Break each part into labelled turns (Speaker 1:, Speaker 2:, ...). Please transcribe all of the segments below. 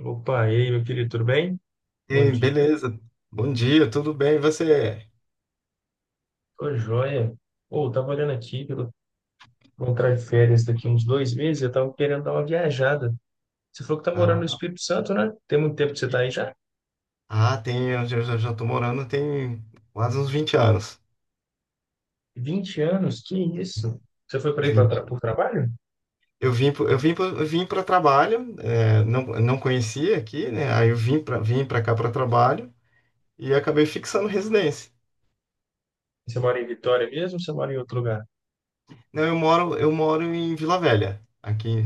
Speaker 1: Opa, e aí, meu querido, tudo bem? Bom
Speaker 2: Ei,
Speaker 1: dia.
Speaker 2: beleza. Bom dia, tudo bem? E você?
Speaker 1: Tô joia. Pô, eu tava olhando aqui, que eu vou entrar de férias daqui uns 2 meses, eu tava querendo dar uma viajada. Você falou que tá morando no
Speaker 2: Ah,
Speaker 1: Espírito Santo, né? Tem muito tempo que você tá aí já?
Speaker 2: ah, tem, eu já tô morando tem quase uns 20 anos.
Speaker 1: 20 anos? Que isso? Você foi para aí pra tra
Speaker 2: 20.
Speaker 1: por trabalho?
Speaker 2: Eu vim para trabalho, não conhecia aqui, né? Aí eu vim para cá para trabalho e acabei fixando residência.
Speaker 1: Você mora em Vitória mesmo ou você mora em outro lugar?
Speaker 2: Não, eu moro em Vila Velha, aqui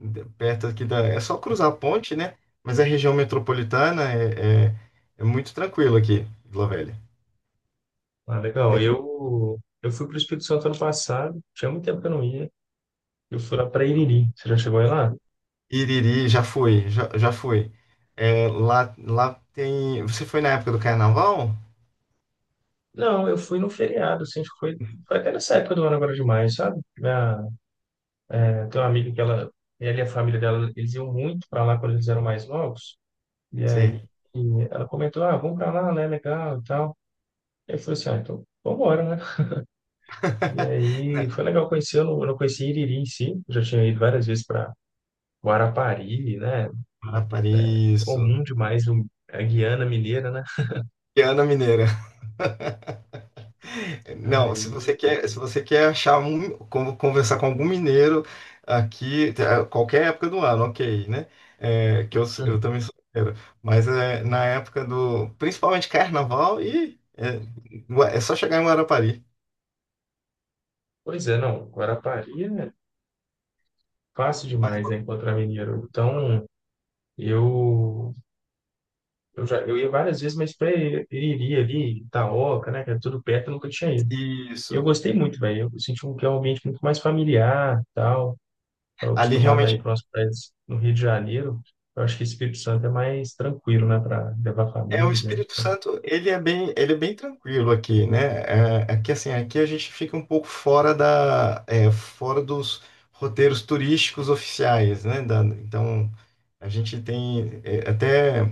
Speaker 2: de- perto aqui, é só cruzar a ponte, né? Mas a região metropolitana é muito tranquilo aqui, Vila Velha.
Speaker 1: Ah, legal. Eu fui para o Espírito Santo ano passado, tinha muito tempo que eu não ia. Eu fui lá para Iriri. Você já chegou aí lá?
Speaker 2: Iriri, já fui, já fui. É, lá tem. Você foi na época do carnaval?
Speaker 1: Não, eu fui no feriado, assim, acho que foi até nessa época do ano agora demais, sabe? Tem tenho uma amiga ela e a família dela, eles iam muito para lá quando eles eram mais novos. E
Speaker 2: Você.
Speaker 1: aí e ela comentou, ah, vamos para lá, né? Legal e tal. Eu falei assim, ah, então vambora, né? E aí foi legal conhecer, eu não conheci Iriri em si, eu já tinha ido várias vezes para Guarapari, né?
Speaker 2: Né? Para
Speaker 1: É
Speaker 2: isso.
Speaker 1: comum demais a Guiana Mineira, né?
Speaker 2: E Ana Mineira. Não, se você
Speaker 1: Aí,
Speaker 2: quer, se você quer achar conversar com algum mineiro aqui, tá, qualquer época do ano, ok, né? É, que
Speaker 1: hum,
Speaker 2: eu também sou mineiro. Mas é, na época do, principalmente carnaval, e é só chegar em Guarapari.
Speaker 1: pois é, não, Guarapari é fácil
Speaker 2: Mas
Speaker 1: demais, né, encontrar mineiro. Então, eu eu já, eu ia várias vezes, mas pra Iriri ali, Itaoca, né, que era tudo perto, eu nunca tinha ido. E eu
Speaker 2: isso.
Speaker 1: gostei muito, velho. Eu senti um, que é um ambiente muito mais familiar, tal. Estava
Speaker 2: Ali
Speaker 1: acostumado a ir
Speaker 2: realmente.
Speaker 1: para umas praias no Rio de Janeiro. Eu acho que Espírito Santo é mais tranquilo, né, para levar
Speaker 2: É, o
Speaker 1: família,
Speaker 2: Espírito
Speaker 1: sei lá.
Speaker 2: Santo, ele é bem tranquilo aqui, né? É, é que assim, aqui a gente fica um pouco fora da, fora dos roteiros turísticos oficiais, né? Então, a gente tem, é, até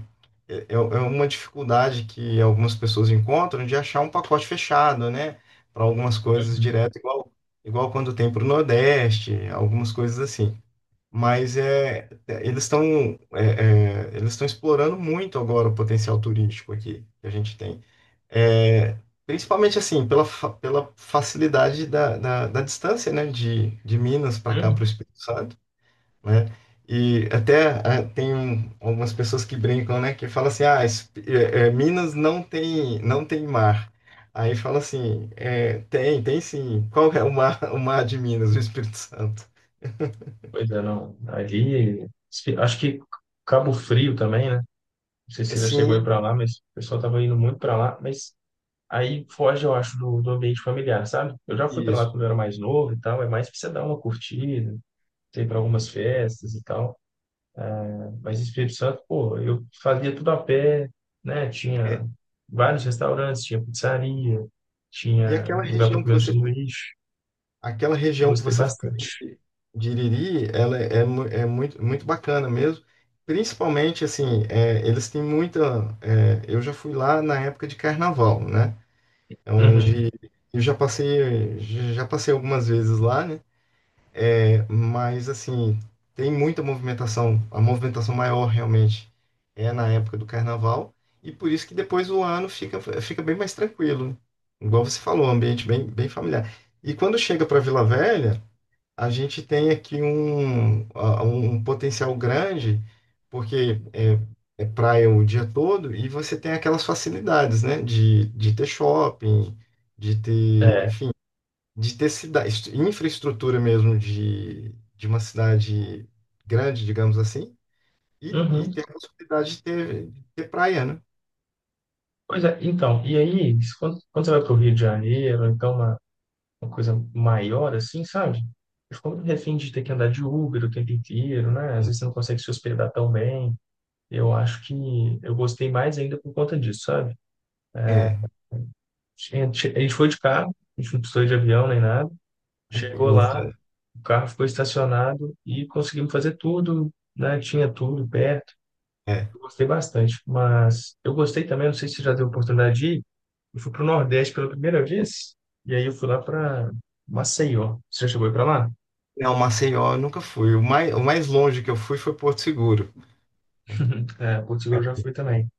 Speaker 2: é, é é uma dificuldade que algumas pessoas encontram de achar um pacote fechado, né? Para algumas coisas
Speaker 1: Uhum.
Speaker 2: direto, igual quando tem para o Nordeste, algumas coisas assim. Mas é, eles estão eles estão explorando muito agora o potencial turístico aqui que a gente tem. É, principalmente assim, pela facilidade da distância, né, de Minas para cá, para o
Speaker 1: Uhum.
Speaker 2: Espírito Santo, né? E até tem algumas pessoas que brincam, né, que falam assim, Minas não tem, mar. Aí fala assim, tem sim. Qual é o mar, o mar de Minas, o Espírito Santo?
Speaker 1: Pois é, não. Ali, acho que Cabo Frio também, né? Não sei se você já chegou aí
Speaker 2: Sim,
Speaker 1: para lá, mas o pessoal tava indo muito para lá. Mas aí foge, eu acho, do ambiente familiar, sabe? Eu já fui para lá
Speaker 2: isso.
Speaker 1: quando eu era mais novo e tal, é mais para você dar uma curtida, você ir para algumas festas e tal. Mas Espírito Santo, pô, eu fazia tudo a pé, né? Tinha vários restaurantes, tinha pizzaria,
Speaker 2: E
Speaker 1: tinha
Speaker 2: aquela
Speaker 1: lugar para
Speaker 2: região que
Speaker 1: comer um
Speaker 2: você,
Speaker 1: sanduíche.
Speaker 2: Aquela região que
Speaker 1: Gostei
Speaker 2: você fica ali
Speaker 1: bastante.
Speaker 2: de Iriri, ela é muito, muito bacana mesmo. Principalmente, assim, eles têm muita. Eu já fui lá na época de carnaval, né? É.
Speaker 1: Uhum.
Speaker 2: Onde eu já passei algumas vezes lá, né? Mas assim, tem muita movimentação, a movimentação maior realmente é na época do carnaval, e por isso que depois o ano fica bem mais tranquilo. Igual você falou, um ambiente bem, bem familiar. E quando chega para Vila Velha, a gente tem aqui um potencial grande, porque é praia o dia todo, e você tem aquelas facilidades, né? De ter shopping, de ter,
Speaker 1: É.
Speaker 2: enfim, de ter cidade, infraestrutura mesmo de uma cidade grande, digamos assim, e
Speaker 1: Uhum.
Speaker 2: ter a possibilidade de ter praia, né?
Speaker 1: Pois é, então, e aí, quando você vai para o Rio de Janeiro, ou então uma coisa maior, assim, sabe? Eu fico muito refém de ter que andar de Uber o tempo inteiro, né? Às vezes você não consegue se hospedar tão bem. Eu acho que eu gostei mais ainda por conta disso, sabe?
Speaker 2: É,
Speaker 1: A gente foi de carro, a gente não precisou ir de avião nem nada. Chegou lá,
Speaker 2: isso,
Speaker 1: o carro ficou estacionado e conseguimos fazer tudo, né? Tinha tudo perto.
Speaker 2: é. É.
Speaker 1: Eu gostei bastante. Mas eu gostei também, não sei se você já teve oportunidade de ir. Eu fui para o Nordeste pela primeira vez e aí eu fui lá para Maceió. Você já chegou aí para lá?
Speaker 2: Não, Maceió eu nunca fui. O mais longe que eu fui foi Porto Seguro.
Speaker 1: É, Porto
Speaker 2: É,
Speaker 1: Seguro eu já
Speaker 2: aqui,
Speaker 1: fui também.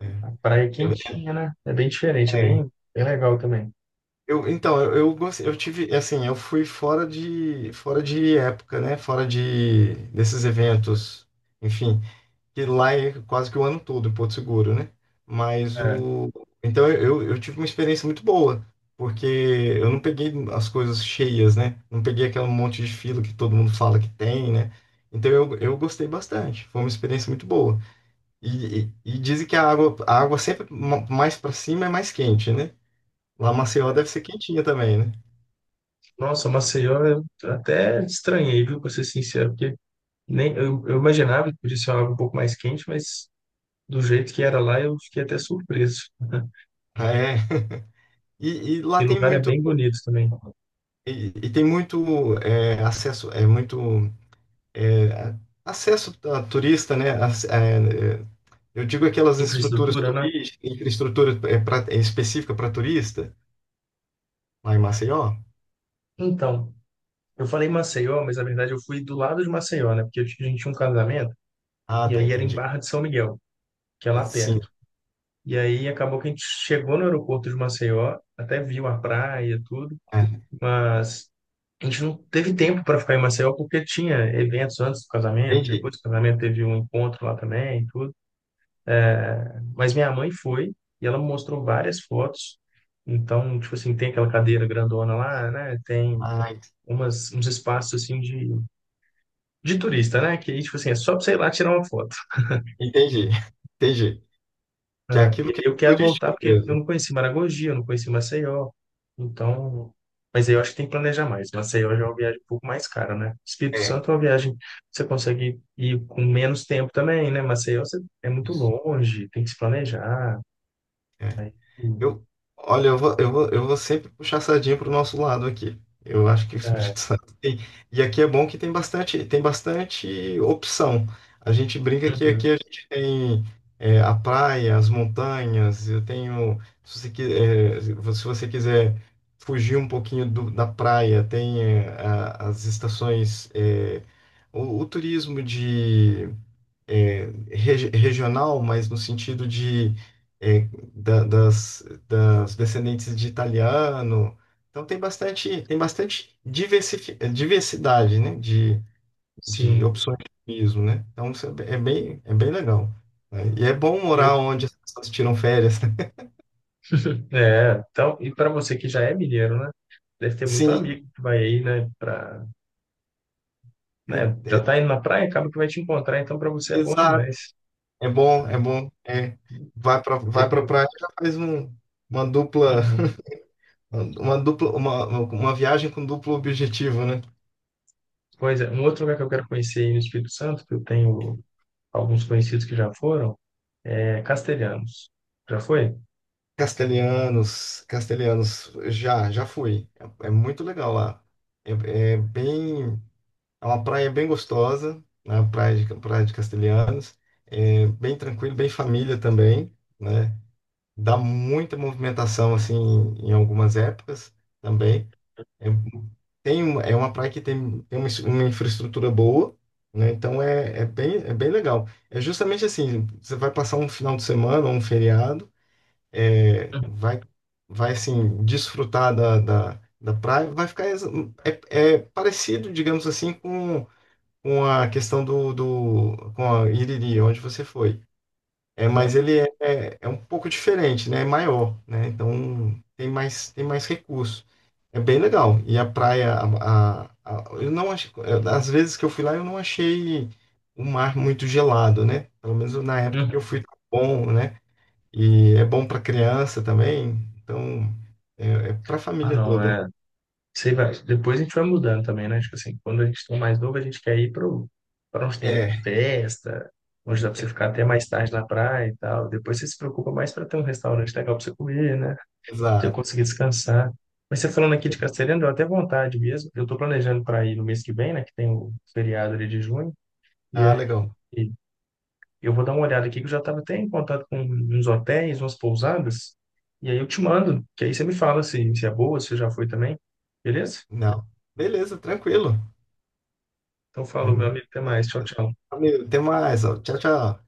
Speaker 2: é.
Speaker 1: A praia é
Speaker 2: Eu,
Speaker 1: quentinha, né? É bem diferente, é
Speaker 2: é,
Speaker 1: bem, bem legal também.
Speaker 2: então, eu, gostei- eu tive, assim, eu fui fora de época, né? Fora desses eventos, enfim, que lá é quase que o ano todo em Porto Seguro, né? Mas
Speaker 1: É.
Speaker 2: o. Então eu tive uma experiência muito boa, porque eu não peguei as coisas cheias, né? Não peguei aquele monte de fila que todo mundo fala que tem, né? Então eu gostei bastante, foi uma experiência muito boa. E dizem que a água sempre mais para cima é mais quente, né? Lá Maceió deve ser quentinha também, né?
Speaker 1: Nossa, Maceió eu até estranhei, viu, pra ser sincero, porque nem, eu imaginava que podia ser algo um pouco mais quente, mas do jeito que era lá eu fiquei até surpreso.
Speaker 2: É. E lá
Speaker 1: E o
Speaker 2: tem
Speaker 1: lugar é
Speaker 2: muito.
Speaker 1: bem bonito também.
Speaker 2: E tem muito acesso, é muito. é, a- Acesso a turista, né? Eu digo aquelas estruturas
Speaker 1: Infraestrutura, né?
Speaker 2: turísticas, infraestrutura específica para turista, lá em Maceió.
Speaker 1: Então, eu falei Maceió, mas na verdade eu fui do lado de Maceió, né? Porque a gente tinha um casamento
Speaker 2: Ah,
Speaker 1: e
Speaker 2: tá,
Speaker 1: aí era em
Speaker 2: entendi.
Speaker 1: Barra de São Miguel, que é lá
Speaker 2: Sim,
Speaker 1: perto. E aí acabou que a gente chegou no aeroporto de Maceió, até viu a praia e tudo,
Speaker 2: é,
Speaker 1: mas a gente não teve tempo para ficar em Maceió porque tinha eventos antes do casamento,
Speaker 2: entendi.
Speaker 1: depois do casamento teve um encontro lá também e tudo. Mas minha mãe foi e ela me mostrou várias fotos. Então, tipo assim, tem aquela cadeira grandona lá, né? Tem
Speaker 2: Ah,
Speaker 1: uns espaços assim de turista, né? Que, tipo assim, é só pra você ir lá tirar uma foto.
Speaker 2: entendi, entendi.
Speaker 1: É,
Speaker 2: Que é
Speaker 1: e
Speaker 2: aquilo que
Speaker 1: aí
Speaker 2: é
Speaker 1: eu quero voltar
Speaker 2: turístico
Speaker 1: porque eu
Speaker 2: mesmo.
Speaker 1: não conheci Maragogi, eu não conheci Maceió. Então, mas aí eu acho que tem que planejar mais. Maceió já é uma viagem um pouco mais cara, né? Espírito
Speaker 2: É,
Speaker 1: Santo é uma viagem que você consegue ir com menos tempo também, né? Maceió é muito
Speaker 2: isso.
Speaker 1: longe, tem que se planejar.
Speaker 2: É.
Speaker 1: Aí,
Speaker 2: Eu, olha, eu vou sempre puxar a sardinha pro nosso lado aqui. Eu acho que o
Speaker 1: é,
Speaker 2: Espírito Santo tem. E aqui é bom que tem bastante opção. A gente brinca que aqui
Speaker 1: uhum,
Speaker 2: a gente tem a praia, as montanhas. Se você quiser fugir um pouquinho da praia, tem as estações, o turismo é, regional, mas no sentido de é, das descendentes de italiano. Então tem bastante diversidade, né, de
Speaker 1: sim.
Speaker 2: opções de turismo, né? Então isso é bem, é bem legal. Né? E é bom
Speaker 1: E eu,
Speaker 2: morar onde as pessoas tiram férias. Né?
Speaker 1: é, então, e para você que já é mineiro, né? Deve ter muito
Speaker 2: Sim,
Speaker 1: amigo que vai aí,
Speaker 2: e-
Speaker 1: né, já tá indo na praia, acaba que vai te encontrar, então para você é bom
Speaker 2: exato.
Speaker 1: demais.
Speaker 2: É bom, é bom. É. Vai para
Speaker 1: Eu,
Speaker 2: vai para
Speaker 1: eu-
Speaker 2: praia, já faz uma dupla,
Speaker 1: uhum.
Speaker 2: uma viagem com duplo objetivo, né?
Speaker 1: Pois é, um outro lugar que eu quero conhecer aí no Espírito Santo, que eu tenho alguns conhecidos que já foram, é Castelhanos. Já foi?
Speaker 2: Castelhanos, Castelhanos, já fui. É, é muito legal lá. É, é bem, é uma praia bem gostosa, né? Praia de Castelhanos. É bem tranquilo, bem família também, né? Dá muita movimentação assim em algumas épocas também. É, é uma praia que tem uma infraestrutura boa, né? Então é bem legal. É justamente assim, você vai passar um final de semana ou um feriado é,
Speaker 1: Uhum.
Speaker 2: vai, vai assim, desfrutar da praia, é parecido, digamos assim, com a questão do, do com a Iriri, onde você foi. É,
Speaker 1: Não.
Speaker 2: mas ele é um pouco diferente, né? É maior, né? Então tem mais recurso. É bem legal. E a praia, a- eu não achei, às vezes que eu fui lá, eu não achei o mar muito gelado, né? Pelo menos na época
Speaker 1: Uhum.
Speaker 2: que eu fui, tá bom, né? E é bom para criança também, então é para a
Speaker 1: Ah,
Speaker 2: família
Speaker 1: não,
Speaker 2: toda. Né?
Speaker 1: é. Sei, vai. Depois a gente vai mudando também, né? Tipo assim, quando a gente tá mais novo, a gente quer ir pra onde tem
Speaker 2: É,
Speaker 1: festa, onde dá pra você ficar até mais tarde na praia e tal. Depois você se preocupa mais pra ter um restaurante legal pra você comer, né? Pra você
Speaker 2: exato.
Speaker 1: conseguir descansar. Mas você falando aqui de Castelhanos, deu até vontade mesmo. Eu tô planejando pra ir no mês que vem, né? Que tem o feriado ali de junho. E
Speaker 2: Ah,
Speaker 1: aí
Speaker 2: legal.
Speaker 1: eu vou dar uma olhada aqui, que eu já estava até em contato com uns hotéis, umas pousadas, e aí eu te mando, que aí você me fala se é boa, se você já foi também, beleza?
Speaker 2: Não. Beleza, tranquilo.
Speaker 1: Então, falou, meu amigo, até mais. Tchau, tchau.
Speaker 2: Valeu, até mais. Ó. Tchau, tchau.